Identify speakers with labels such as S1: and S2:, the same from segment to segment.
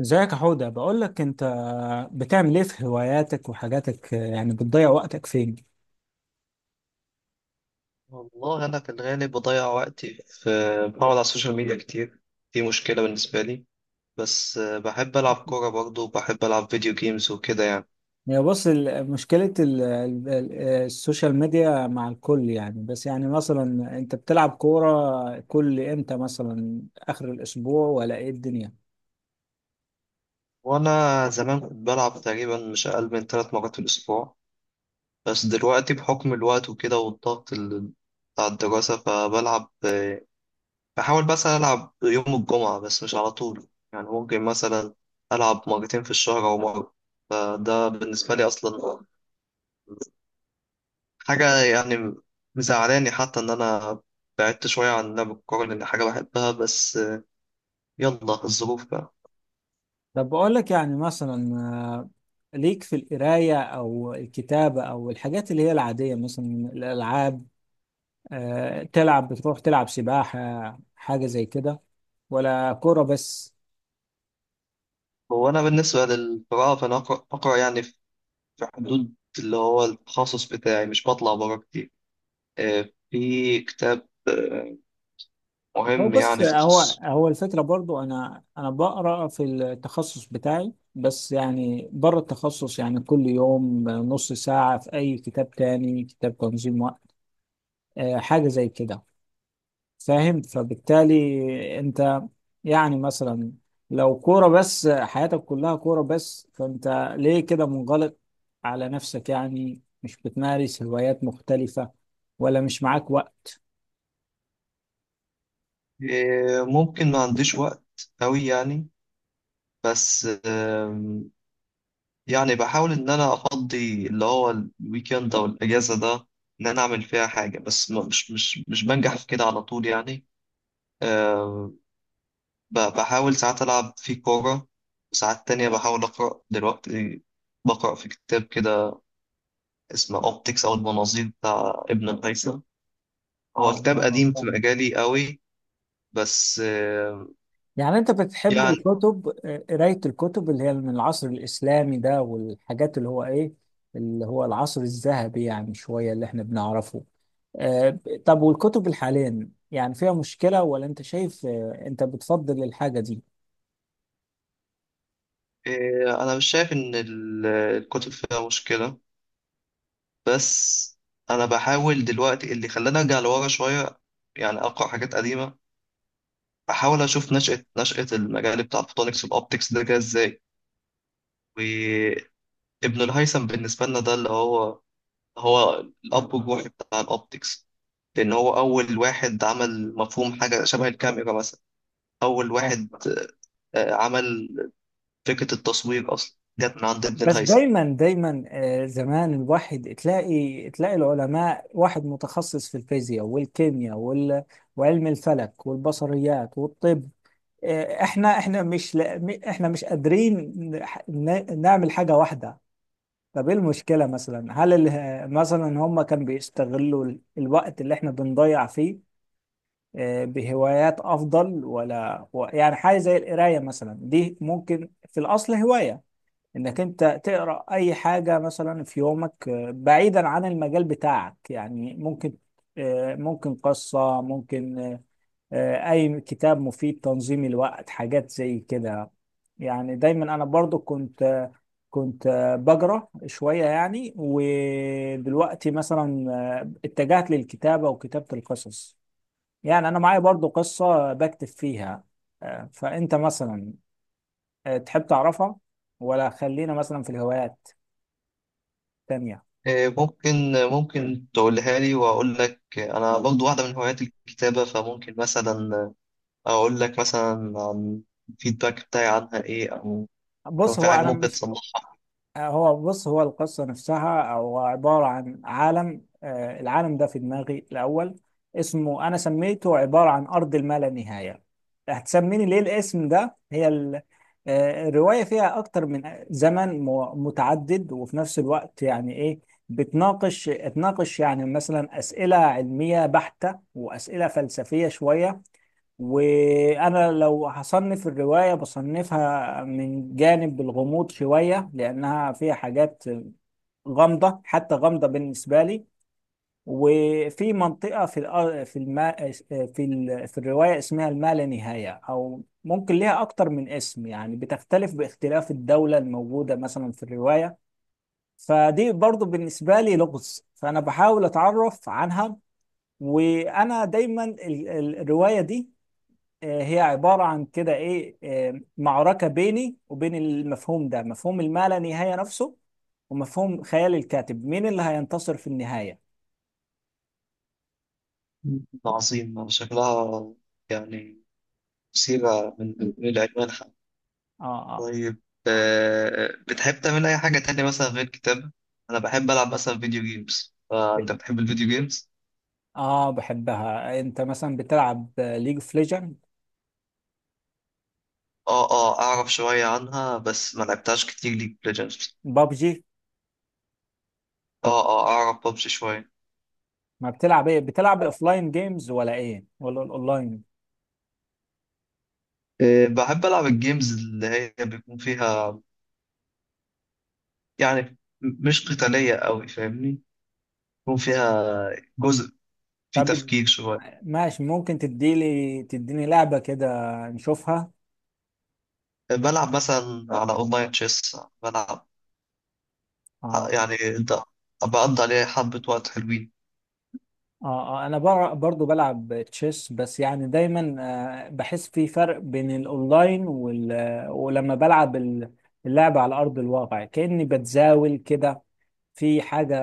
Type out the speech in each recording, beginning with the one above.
S1: ازيك يا حودة؟ بقول لك، انت بتعمل ايه في هواياتك وحاجاتك؟ يعني بتضيع وقتك فين؟
S2: والله أنا في الغالب بضيع وقتي بقعد على السوشيال ميديا كتير. دي مشكلة بالنسبة لي. بس بحب ألعب كورة برضه وبحب ألعب فيديو جيمز وكده يعني.
S1: هي بص، مشكلة السوشيال ميديا مع الكل، يعني بس يعني مثلا انت بتلعب كورة كل امتى؟ مثلا اخر الاسبوع ولا ايه الدنيا؟
S2: وأنا زمان كنت بلعب تقريبا مش أقل من 3 مرات في الأسبوع. بس دلوقتي بحكم الوقت وكده والضغط بتاع الدراسة، فبلعب بحاول بس ألعب يوم الجمعة، بس مش على طول يعني، ممكن مثلا ألعب مرتين في الشهر أو مرة. فده بالنسبة لي أصلا حاجة يعني مزعلاني حتى إن أنا بعدت شوية عن لعب الكورة لأن حاجة بحبها، بس يلا الظروف بقى.
S1: طب بقول لك، يعني مثلا، ليك في القراية او الكتابة او الحاجات اللي هي العادية، مثلا الالعاب. تلعب، بتروح تلعب سباحة حاجة زي كده، ولا كورة بس؟
S2: هو أنا بالنسبة للقراءة فأنا أقرأ يعني في حدود اللي هو التخصص بتاعي، مش بطلع بره كتير. في كتاب
S1: هو
S2: مهم
S1: بص،
S2: يعني في
S1: هو
S2: تخصصي.
S1: هو الفكرة برضو، أنا بقرأ في التخصص بتاعي، بس يعني بره التخصص، يعني كل يوم نص ساعة في أي كتاب تاني، كتاب تنظيم وقت، حاجة زي كده. فاهم؟ فبالتالي أنت، يعني مثلا، لو كورة بس، حياتك كلها كورة بس، فأنت ليه كده منغلق على نفسك؟ يعني مش بتمارس هوايات مختلفة، ولا مش معاك وقت؟
S2: ممكن ما عنديش وقت أوي يعني، بس يعني بحاول إن أنا أفضي اللي هو الويكند أو الأجازة ده إن أنا أعمل فيها حاجة، بس مش بنجح في كده على طول يعني. أه بحاول ساعات ألعب في كورة، وساعات تانية بحاول أقرأ. دلوقتي بقرأ في كتاب كده اسمه أوبتكس أو المناظير بتاع ابن الهيثم. هو كتاب قديم في
S1: فاهم.
S2: مجالي قوي. بس أه
S1: يعني انت بتحب
S2: يعني
S1: الكتب، قراية الكتب اللي هي من العصر الإسلامي ده والحاجات اللي هو ايه، اللي هو العصر الذهبي يعني شوية، اللي احنا بنعرفه؟ طب والكتب الحالية يعني فيها مشكلة، ولا انت شايف، انت بتفضل الحاجة دي؟
S2: أه أنا مش شايف إن الكتب فيها مشكلة، بس انا بحاول دلوقتي. اللي خلاني ارجع لورا شويه يعني اقرا حاجات قديمه، احاول اشوف نشأة المجال بتاع الفوتونكس والاوبتكس ده جه ازاي. وابن الهيثم بالنسبه لنا ده اللي هو الاب الروحي بتاع الاوبتكس، لان هو اول واحد عمل مفهوم حاجه شبه الكاميرا مثلا. اول
S1: فاهم.
S2: واحد عمل فكره التصوير، اصلا جت من عند ابن
S1: بس
S2: الهيثم.
S1: دايما دايما، زمان الواحد تلاقي تلاقي العلماء واحد متخصص في الفيزياء والكيمياء وعلم الفلك والبصريات والطب. احنا مش لا احنا مش قادرين نعمل حاجة واحدة. طب ايه المشكلة مثلا؟ هل مثلا هم كانوا بيستغلوا الوقت اللي احنا بنضيع فيه بهوايات افضل، ولا يعني حاجة زي القراية مثلا دي ممكن في الاصل هواية، انك انت تقرأ اي حاجة مثلا في يومك، بعيدا عن المجال بتاعك؟ يعني ممكن، ممكن قصة، ممكن اي كتاب مفيد، تنظيم الوقت، حاجات زي كده. يعني دايما انا برضو كنت بقرا شويه يعني، ودلوقتي مثلا اتجهت للكتابه وكتابه القصص. يعني انا معايا برضو قصه بكتب فيها. فانت مثلا، تحب تعرفها، ولا خلينا مثلا في الهوايات التانية؟
S2: ممكن تقولها لي واقول لك. انا برضو واحده من هوايات الكتابه فممكن مثلا أقول لك مثلا عن الفيدباك بتاعي عنها إيه، أو لو
S1: بص،
S2: في
S1: هو
S2: حاجة
S1: انا
S2: ممكن
S1: مش
S2: تصلحها.
S1: هو بص، هو القصة نفسها، هو عبارة عن عالم. العالم ده في دماغي الأول، اسمه، أنا سميته عبارة عن أرض اللانهاية. هتسميني ليه الاسم ده؟ هي ال- آه، الرواية فيها أكتر من زمن متعدد، وفي نفس الوقت يعني إيه، بتناقش تناقش يعني مثلا أسئلة علمية بحتة، وأسئلة فلسفية شوية. وانا لو هصنف الروايه بصنفها من جانب الغموض شويه، لانها فيها حاجات غامضه، حتى غامضه بالنسبه لي. وفي منطقه في الأ- في الما في ال... في الروايه اسمها الما لا نهايه، او ممكن ليها اكتر من اسم، يعني بتختلف باختلاف الدوله الموجوده مثلا في الروايه. فدي برضو بالنسبه لي لغز، فانا بحاول اتعرف عنها. وانا دايما الروايه دي، هي عبارة عن كده إيه، معركة بيني وبين المفهوم ده، مفهوم الما نهاية نفسه، ومفهوم خيال الكاتب. مين اللي هينتصر في النهاية؟
S2: عظيم، أنا شكلها يعني مثيرة من العنوان حتى.
S1: آه، آه،
S2: طيب، بتحب تعمل أي حاجة تانية مثلا غير كتابة؟ أنا بحب ألعب مثلا فيديو جيمز، فأنت بتحب الفيديو جيمز؟
S1: آه، بحبها. أنت مثلا بتلعب ليج اوف ليجند؟
S2: آه آه، أعرف شوية عنها بس ما لعبتهاش كتير، ليج ليجندز.
S1: بابجي؟
S2: آه آه، أعرف ببجي شوية.
S1: ما بتلعب إيه؟ بتلعب الأوفلاين جيمز ولا إيه، ولا الأونلاين؟
S2: بحب ألعب الجيمز اللي هي بيكون فيها يعني مش قتالية أوي، فاهمني؟ يكون فيها جزء فيه
S1: طب
S2: تفكير شوية.
S1: ماشي، ممكن تديني لعبة كده نشوفها.
S2: بلعب مثلا على أونلاين تشيس. بلعب
S1: آه
S2: يعني بقضي عليه حبة وقت حلوين.
S1: اه انا برضو بلعب تشيس. بس يعني دايما بحس في فرق بين الاونلاين وال... آه، ولما بلعب اللعبة على ارض الواقع، كأني بتزاول كده في حاجة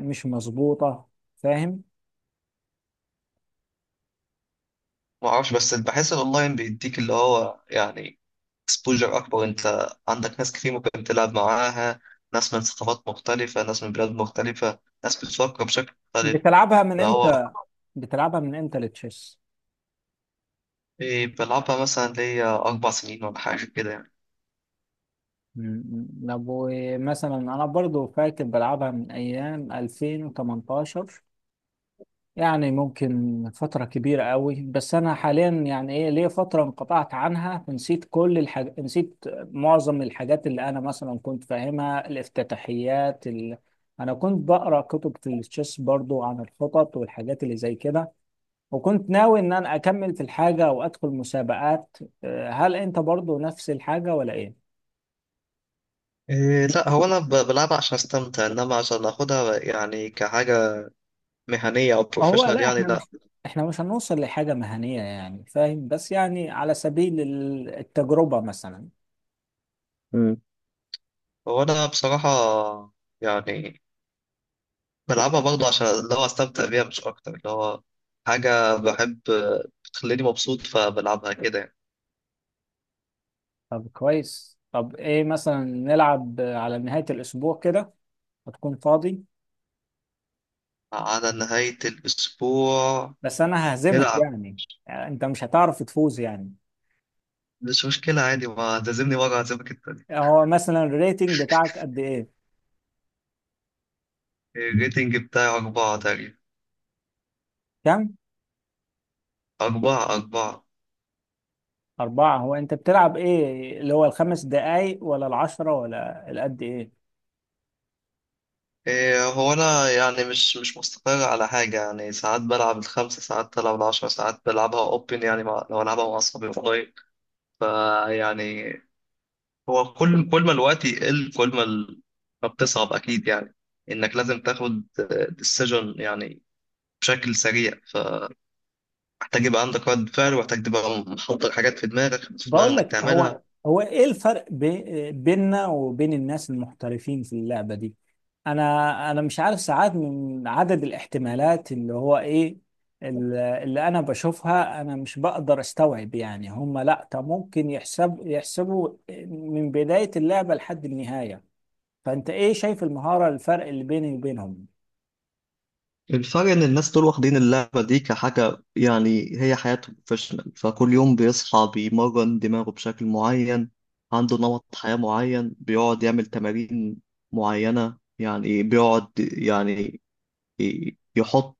S1: مش مظبوطة. فاهم؟
S2: معرفش، بس بحس الأونلاين بيديك اللي هو يعني اكسبوجر أكبر. أنت عندك ناس كتير ممكن تلعب معاها، ناس من ثقافات مختلفة، ناس من بلاد مختلفة، ناس بتفكر بشكل مختلف،
S1: بتلعبها من
S2: فهو.
S1: امتى بتلعبها من امتى التشيس؟
S2: إيه، بلعبها مثلا ليا 4 سنين ولا حاجة كده يعني.
S1: مم. طب مثلا انا برضو فاكر بلعبها من ايام 2018، يعني ممكن فترة كبيرة قوي. بس أنا حاليا يعني إيه، ليا فترة انقطعت عنها، نسيت كل نسيت معظم الحاجات اللي أنا مثلا كنت فاهمها، أنا كنت بقرأ كتب في التشيس برضو عن الخطط والحاجات اللي زي كده. وكنت ناوي إن أنا أكمل في الحاجة وأدخل مسابقات. هل أنت برضو نفس الحاجة ولا إيه؟
S2: إيه لا، هو أنا بلعبها عشان أستمتع، إنما عشان أخدها يعني كحاجة مهنية أو
S1: هو
S2: بروفيشنال
S1: لا،
S2: يعني، لأ.
S1: إحنا مش هنوصل لحاجة مهنية يعني، فاهم؟ بس يعني على سبيل التجربة مثلا.
S2: مم. هو أنا بصراحة يعني بلعبها برضه عشان اللي هو أستمتع بيها مش أكتر، اللي هو حاجة بحب بتخليني مبسوط فبلعبها كده يعني.
S1: طب كويس. طب ايه مثلا، نلعب على نهاية الأسبوع كده؟ هتكون فاضي؟
S2: على نهاية الأسبوع
S1: بس أنا ههزمك
S2: نلعب.
S1: يعني، يعني أنت مش هتعرف تفوز يعني.
S2: مش مشكلة عادي، ما تعزمني مرة هعزمك التانية.
S1: هو مثلا الريتنج بتاعك قد ايه؟
S2: الريتنج بتاعي 4 تقريبا.
S1: كم؟
S2: 4 4.
S1: أربعة؟ هو أنت بتلعب ايه، اللي هو الخمس دقايق ولا العشرة ولا القد ايه؟
S2: إيه، هو أنا يعني مش مستقر على حاجة يعني، ساعات بلعب الخمسة، ساعات بلعب العشرة، ساعات بلعبها أوبن يعني، مع لو ألعبها مع أصحابي، فيعني هو كل ما الوقت يقل كل ما ما بتصعب أكيد يعني. إنك لازم تاخد ديسيجن يعني بشكل سريع، فمحتاج يبقى عندك رد فعل، ومحتاج تبقى محضر حاجات في دماغك في
S1: بقول
S2: دماغك إنك
S1: لك، هو
S2: تعملها.
S1: هو ايه الفرق بيننا وبين الناس المحترفين في اللعبة دي؟ انا مش عارف، ساعات من عدد الاحتمالات اللي هو ايه، اللي انا بشوفها انا مش بقدر استوعب. يعني هم، لا طب ممكن يحسبوا من بداية اللعبة لحد النهاية. فانت ايه شايف المهارة، الفرق اللي بيني وبينهم؟
S2: الفرق إن الناس دول واخدين اللعبة دي كحاجة يعني هي حياته، بروفيشنال. فكل يوم بيصحى بيمرن دماغه بشكل معين، عنده نمط حياة معين، بيقعد يعمل تمارين معينة يعني، بيقعد يعني يحط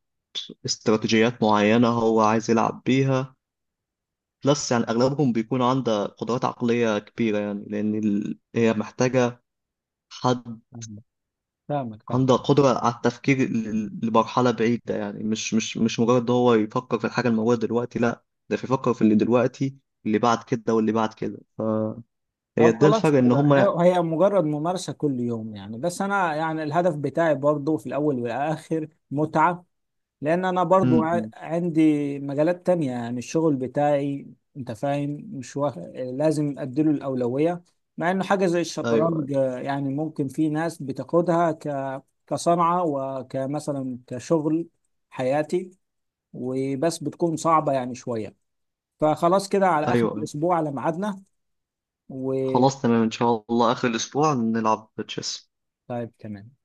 S2: استراتيجيات معينة هو عايز يلعب بيها. بلس يعني أغلبهم بيكون عنده قدرات عقلية كبيرة يعني، لأن هي محتاجة حد
S1: فاهمك، فاهمك.
S2: عنده قدرة على التفكير لمرحلة بعيدة يعني، مش مش مجرد هو يفكر في الحاجة الموجودة دلوقتي، لا ده بيفكر في اللي دلوقتي اللي بعد كده واللي بعد كده، فهي
S1: طب
S2: ده
S1: خلاص
S2: الفرق إن
S1: كده،
S2: هما.
S1: هي مجرد ممارسة كل يوم يعني. بس أنا يعني الهدف بتاعي برضو في الأول والآخر متعة. لأن أنا برضو
S2: م- م.
S1: عندي مجالات تانية يعني، الشغل بتاعي أنت فاهم، مش واخ... لازم أديله الأولوية. مع إنه حاجة زي
S2: أيوه
S1: الشطرنج، يعني ممكن في ناس بتاخدها كصنعة، وكمثلا كشغل حياتي، وبس بتكون صعبة يعني شوية. فخلاص كده، على آخر
S2: أيوه أيوه.
S1: الأسبوع على ميعادنا. و
S2: خلاص تمام، إن شاء الله آخر الأسبوع نلعب تشيس.
S1: طيب تمام.